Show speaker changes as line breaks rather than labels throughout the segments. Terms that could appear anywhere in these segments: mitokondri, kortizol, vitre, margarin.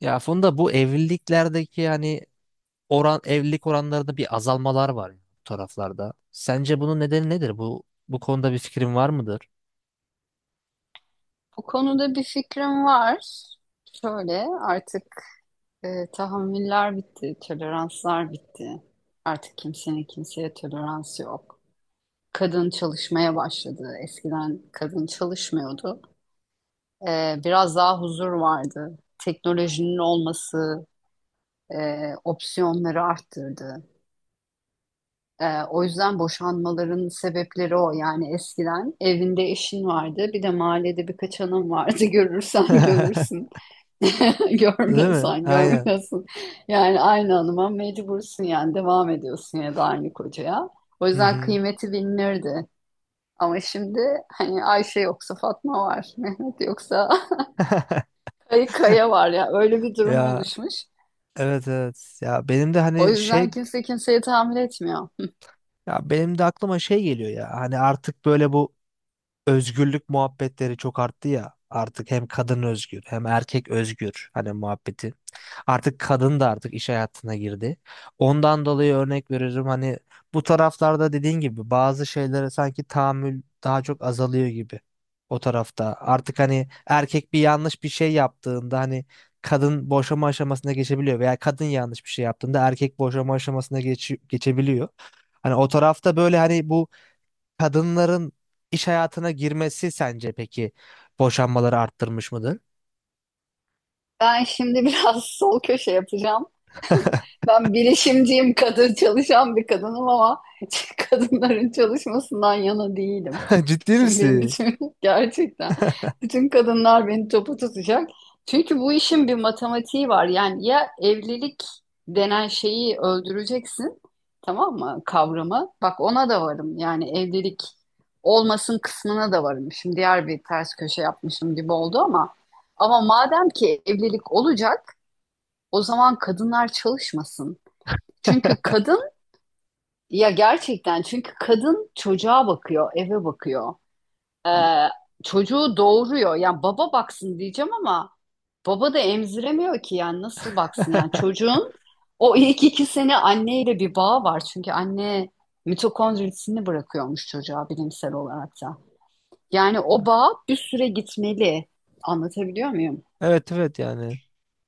Ya Funda, bu evliliklerdeki hani evlilik oranlarında bir azalmalar var ya bu taraflarda. Sence bunun nedeni nedir? Bu konuda bir fikrin var mıdır?
Bu konuda bir fikrim var. Şöyle artık tahammüller bitti, toleranslar bitti. Artık kimsenin kimseye toleransı yok. Kadın çalışmaya başladı. Eskiden kadın çalışmıyordu. Biraz daha huzur vardı. Teknolojinin olması e, opsiyonları arttırdı. O yüzden boşanmaların sebepleri o. Yani eskiden evinde eşin vardı, bir de mahallede birkaç hanım vardı. Görürsen görürsün.
Değil mi?
Görmüyorsan
Aynen.
görmüyorsun. Yani aynı hanıma mecbursun yani devam ediyorsun ya da aynı kocaya. O
Hı
yüzden
hı.
kıymeti bilinirdi. Ama şimdi hani Ayşe yoksa Fatma var, Mehmet yoksa Kaya Kaya var ya, öyle bir durum
Ya,
oluşmuş.
evet evet. Ya benim de
O
hani şey
yüzden kimse kimseyi tahammül etmiyor.
ya benim de aklıma şey geliyor ya. Hani artık böyle bu özgürlük muhabbetleri çok arttı ya. Artık hem kadın özgür hem erkek özgür hani muhabbeti. Artık kadın da artık iş hayatına girdi. Ondan dolayı örnek veririm hani bu taraflarda dediğin gibi bazı şeylere sanki tahammül daha çok azalıyor gibi o tarafta. Artık hani erkek bir yanlış bir şey yaptığında hani kadın boşama aşamasına geçebiliyor veya kadın yanlış bir şey yaptığında erkek boşama aşamasına geçebiliyor. Hani o tarafta böyle hani bu kadınların iş hayatına girmesi sence peki boşanmaları arttırmış mıdır?
Ben şimdi biraz sol köşe yapacağım. Ben bilişimciyim, kadın çalışan bir kadınım ama kadınların çalışmasından yana değilim.
Ciddi
Şimdi
misin?
bütün gerçekten bütün kadınlar beni topu tutacak. Çünkü bu işin bir matematiği var. Yani ya evlilik denen şeyi öldüreceksin, tamam mı? Kavramı. Bak, ona da varım. Yani evlilik olmasın kısmına da varım. Şimdi diğer bir ters köşe yapmışım gibi oldu ama madem ki evlilik olacak, o zaman kadınlar çalışmasın. Çünkü kadın çünkü kadın çocuğa bakıyor, eve bakıyor. Ee, çocuğu doğuruyor. Yani baba baksın diyeceğim ama baba da emziremiyor ki, yani nasıl baksın? Yani çocuğun o ilk 2 sene anneyle bir bağı var. Çünkü anne mitokondrisini bırakıyormuş çocuğa, bilimsel olarak da. Yani o bağ bir süre gitmeli. Anlatabiliyor muyum?
Evet evet yani.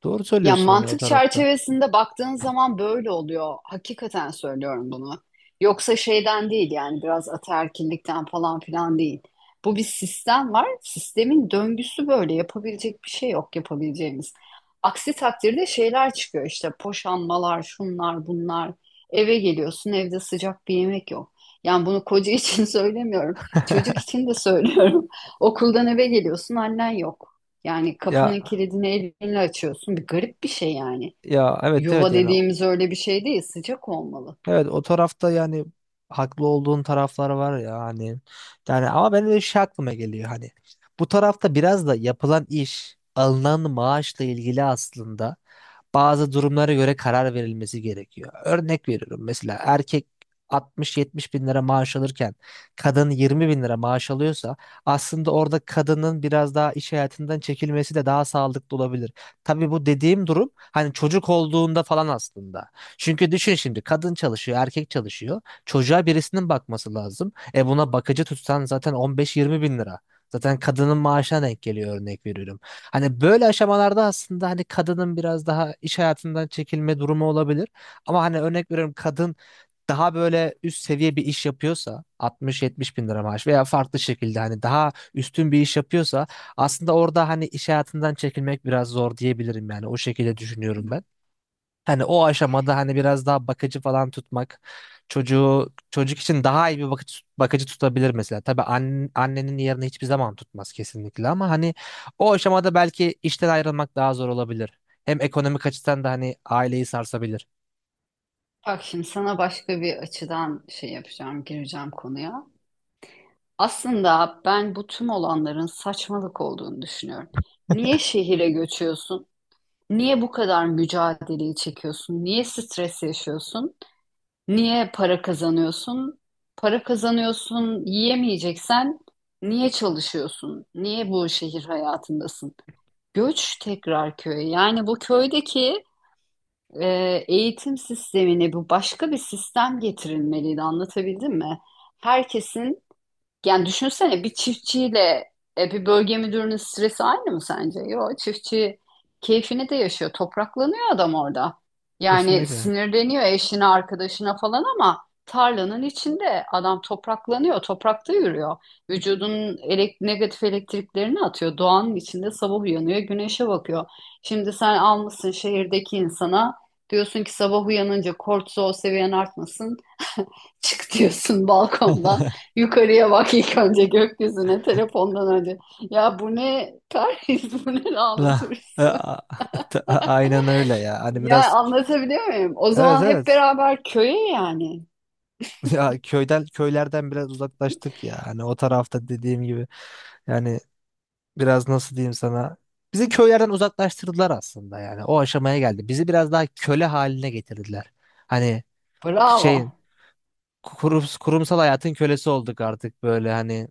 Doğru
Ya
söylüyorsun hani o
mantık
tarafta.
çerçevesinde baktığın zaman böyle oluyor. Hakikaten söylüyorum bunu. Yoksa şeyden değil, yani biraz ataerkillikten falan filan değil. Bu bir sistem var. Sistemin döngüsü böyle. Yapabilecek bir şey yok, yapabileceğimiz. Aksi takdirde şeyler çıkıyor işte, poşanmalar, şunlar, bunlar. Eve geliyorsun, evde sıcak bir yemek yok. Yani bunu koca için söylemiyorum. Çocuk için de söylüyorum. Okuldan eve geliyorsun, annen yok. Yani kapının
Ya
kilidini elinle açıyorsun. Bir garip bir şey yani.
ya, evet evet
Yuva
yani,
dediğimiz öyle bir şey değil. Sıcak olmalı.
evet o tarafta yani haklı olduğun taraflar var ya hani, yani ama benim de şey aklıma geliyor hani bu tarafta biraz da yapılan iş, alınan maaşla ilgili aslında bazı durumlara göre karar verilmesi gerekiyor. Örnek veriyorum, mesela erkek 60-70 bin lira maaş alırken kadın 20 bin lira maaş alıyorsa aslında orada kadının biraz daha iş hayatından çekilmesi de daha sağlıklı olabilir. Tabii bu dediğim durum hani çocuk olduğunda falan aslında. Çünkü düşün şimdi, kadın çalışıyor, erkek çalışıyor. Çocuğa birisinin bakması lazım. E, buna bakıcı tutsan zaten 15-20 bin lira. Zaten kadının maaşına denk geliyor, örnek veriyorum. Hani böyle aşamalarda aslında hani kadının biraz daha iş hayatından çekilme durumu olabilir. Ama hani örnek veriyorum, kadın daha böyle üst seviye bir iş yapıyorsa 60-70 bin lira maaş veya farklı şekilde hani daha üstün bir iş yapıyorsa aslında orada hani iş hayatından çekilmek biraz zor diyebilirim, yani o şekilde düşünüyorum ben. Hani o aşamada hani biraz daha bakıcı falan tutmak çocuk için daha iyi bir bakıcı tutabilir mesela. Tabii annenin yerini hiçbir zaman tutmaz kesinlikle, ama hani o aşamada belki işten ayrılmak daha zor olabilir. Hem ekonomik açıdan da hani aileyi sarsabilir.
Bak şimdi sana başka bir açıdan şey yapacağım, gireceğim konuya. Aslında ben bu tüm olanların saçmalık olduğunu düşünüyorum. Niye şehire göçüyorsun? Niye bu kadar mücadeleyi çekiyorsun? Niye stres yaşıyorsun? Niye para kazanıyorsun? Para kazanıyorsun, yiyemeyeceksen niye çalışıyorsun? Niye bu şehir hayatındasın? Göç tekrar köye. Yani bu köydeki e, eğitim sistemine bu, başka bir sistem getirilmeliydi. Anlatabildim mi? Herkesin, yani düşünsene, bir çiftçiyle bir bölge müdürünün stresi aynı mı sence? Yok, çiftçi keyfini de yaşıyor. Topraklanıyor adam orada. Yani
Kesinlikle.
sinirleniyor eşine, arkadaşına falan ama tarlanın içinde adam topraklanıyor, toprakta yürüyor. Vücudunun negatif elektriklerini atıyor. Doğanın içinde sabah uyanıyor, güneşe bakıyor. Şimdi sen almışsın şehirdeki insana, diyorsun ki sabah uyanınca kortizol seviyen artmasın. Çık diyorsun balkondan. Yukarıya bak ilk önce, gökyüzüne, telefondan önce. Ya bu ne Paris, bu ne lanet
La-
hırsı.
a- Aynen öyle ya. Hani
Ya
biraz,
anlatabiliyor muyum? O
evet
zaman hep
evet.
beraber köye yani.
Ya, köylerden biraz uzaklaştık ya. Hani o tarafta dediğim gibi. Yani biraz nasıl diyeyim sana, bizi köylerden uzaklaştırdılar aslında, yani o aşamaya geldi. Bizi biraz daha köle haline getirdiler. Hani şeyin,
Bravo.
kurumsal hayatın kölesi olduk artık, böyle hani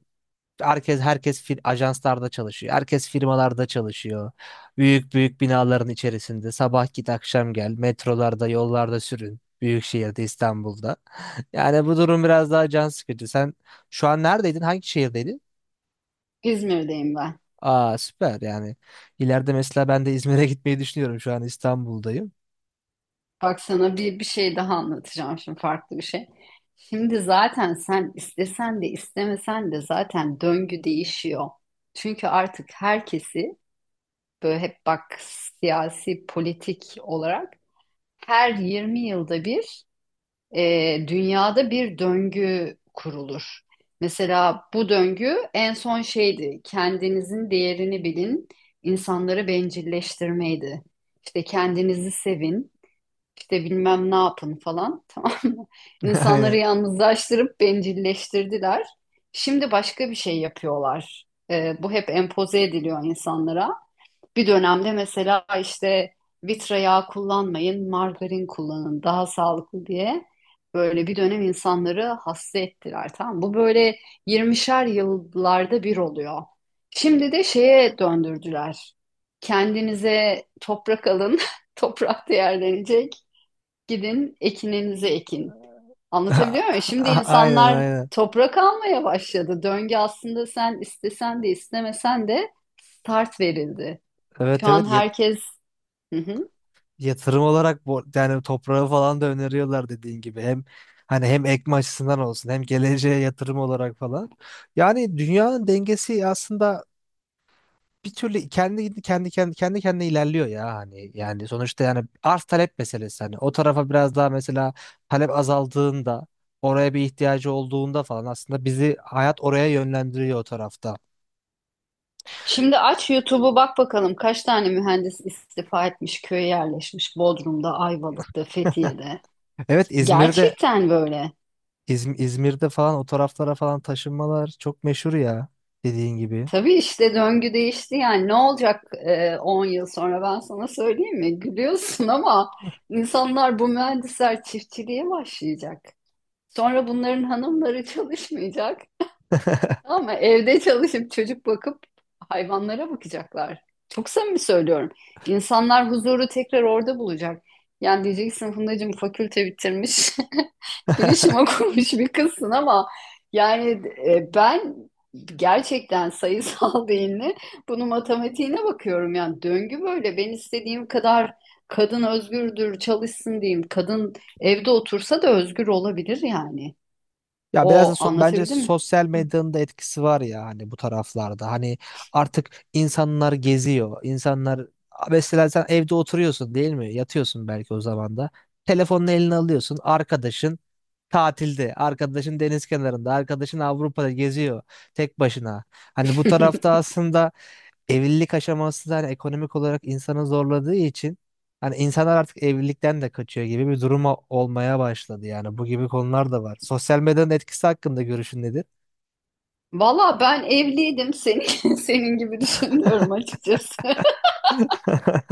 herkes ajanslarda çalışıyor. Herkes firmalarda çalışıyor. Büyük büyük binaların içerisinde sabah git akşam gel, metrolarda, yollarda sürün. Büyük şehirde, İstanbul'da. Yani bu durum biraz daha can sıkıcı. Sen şu an neredeydin? Hangi şehirdeydin?
İzmir'deyim ben.
Aa, süper yani. İleride mesela ben de İzmir'e gitmeyi düşünüyorum. Şu an İstanbul'dayım.
Bak sana bir şey daha anlatacağım şimdi, farklı bir şey. Şimdi zaten sen istesen de istemesen de zaten döngü değişiyor. Çünkü artık herkesi böyle hep, bak, siyasi politik olarak her 20 yılda bir dünyada bir döngü kurulur. Mesela bu döngü en son şeydi, kendinizin değerini bilin, insanları bencilleştirmeydi. İşte kendinizi sevin, işte bilmem ne yapın falan, tamam mı? İnsanları
Aynen.
yalnızlaştırıp bencilleştirdiler. Şimdi başka bir şey yapıyorlar. Bu hep empoze ediliyor insanlara. Bir dönemde mesela işte vitra yağı kullanmayın, margarin kullanın daha sağlıklı diye böyle bir dönem insanları hasta ettiler. Tamam. Bu böyle 20'şer yıllarda bir oluyor. Şimdi de şeye döndürdüler. Kendinize toprak alın, toprak değerlenecek. Gidin ekininizi ekin. Anlatabiliyor muyum? Şimdi
Aynen,
insanlar
aynen.
toprak almaya başladı. Döngü aslında, sen istesen de istemesen de, start verildi.
Evet
Şu
evet.
an
Ya-
herkes... Hı hı.
yatırım olarak bu, yani toprağı falan da öneriyorlar dediğin gibi. Hani hem ekme açısından olsun hem geleceğe yatırım olarak falan. Yani dünyanın dengesi aslında bir türlü kendi kendine ilerliyor ya hani, yani sonuçta, yani arz talep meselesi hani, o tarafa biraz daha, mesela talep azaldığında, oraya bir ihtiyacı olduğunda falan aslında bizi hayat oraya yönlendiriyor o tarafta.
Şimdi aç YouTube'u, bak bakalım kaç tane mühendis istifa etmiş, köye yerleşmiş Bodrum'da, Ayvalık'ta, Fethiye'de.
Evet, İzmir'de,
Gerçekten böyle.
İzmir'de falan o taraflara falan taşınmalar çok meşhur ya, dediğin gibi.
Tabii işte döngü değişti, yani ne olacak, 10 yıl sonra ben sana söyleyeyim mi? Gülüyorsun ama insanlar, bu mühendisler çiftçiliğe başlayacak. Sonra bunların hanımları çalışmayacak. Ama evde çalışıp çocuk bakıp hayvanlara bakacaklar. Çok samimi söylüyorum. İnsanlar huzuru tekrar orada bulacak. Yani diyeceksin, Fundacığım fakülte bitirmiş, bilişim okumuş bir kızsın ama yani ben gerçekten sayısal değilini, bunu matematiğine bakıyorum. Yani döngü böyle. Ben istediğim kadar kadın özgürdür, çalışsın diyeyim. Kadın evde otursa da özgür olabilir yani.
Ya biraz da,
O,
bence
anlatabildim mi?
sosyal medyanın da etkisi var ya hani bu taraflarda. Hani artık insanlar geziyor. İnsanlar mesela, sen evde oturuyorsun değil mi? Yatıyorsun belki o zaman da. Telefonunu eline alıyorsun. Arkadaşın tatilde, arkadaşın deniz kenarında, arkadaşın Avrupa'da geziyor tek başına. Hani bu tarafta aslında evlilik aşaması da hani ekonomik olarak insanı zorladığı için hani insanlar artık evlilikten de kaçıyor gibi bir durum olmaya başladı yani, bu gibi konular da var. Sosyal medyanın etkisi hakkında görüşün nedir?
Valla ben evliydim, senin, senin gibi düşünüyorum açıkçası.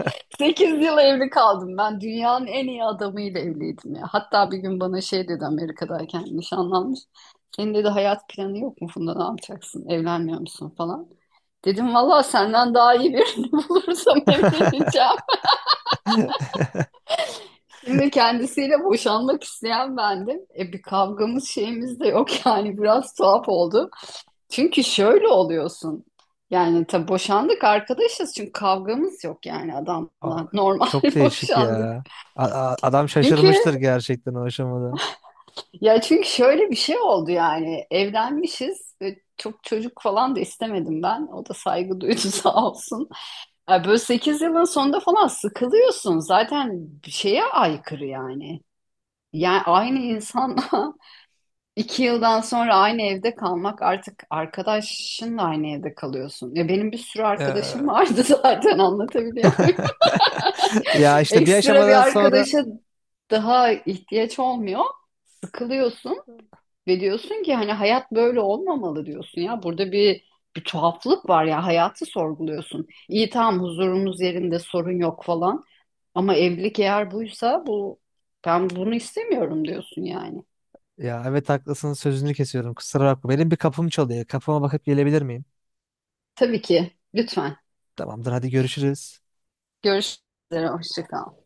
8 yıl evli kaldım ben, dünyanın en iyi adamıyla evliydim ya. Hatta bir gün bana şey dedi, Amerika'dayken nişanlanmış. Senin dedi hayat planı yok mu Funda, ne yapacaksın, evlenmiyor musun falan. Dedim valla senden daha iyi birini bulursam evleneceğim. Şimdi kendisiyle boşanmak isteyen bendim. E bir kavgamız şeyimiz de yok, yani biraz tuhaf oldu. Çünkü şöyle oluyorsun. Yani tabii boşandık, arkadaşız çünkü kavgamız yok yani
Aa,
adamla. Normal
çok değişik
boşandık.
ya. Adam
Çünkü
şaşırmıştır gerçekten o aşamada.
çünkü şöyle bir şey oldu, yani evlenmişiz ve çok çocuk falan da istemedim ben. O da saygı duydu, sağ olsun. Ya böyle 8 yılın sonunda falan sıkılıyorsun. Zaten bir şeye aykırı yani. Yani aynı insanla 2 yıldan sonra aynı evde kalmak, artık arkadaşınla aynı evde kalıyorsun. Ya benim bir sürü arkadaşım
Ya.
vardı, zaten, anlatabiliyor muyum?
Ya işte bir
Ekstra
aşamadan
bir
sonra,
arkadaşa daha ihtiyaç olmuyor. Sıkılıyorsun ve diyorsun ki hani hayat böyle olmamalı diyorsun ya. Burada bir tuhaflık var ya, hayatı sorguluyorsun. İyi, tamam, huzurumuz yerinde, sorun yok falan. Ama evlilik eğer buysa, bu, ben bunu istemiyorum diyorsun yani.
ya evet haklısın, sözünü kesiyorum, kusura bakma. Benim bir kapım çalıyor. Kapıma bakıp gelebilir miyim?
Tabii ki, lütfen
Tamamdır, hadi görüşürüz.
görüşürüz. Hoşça kal.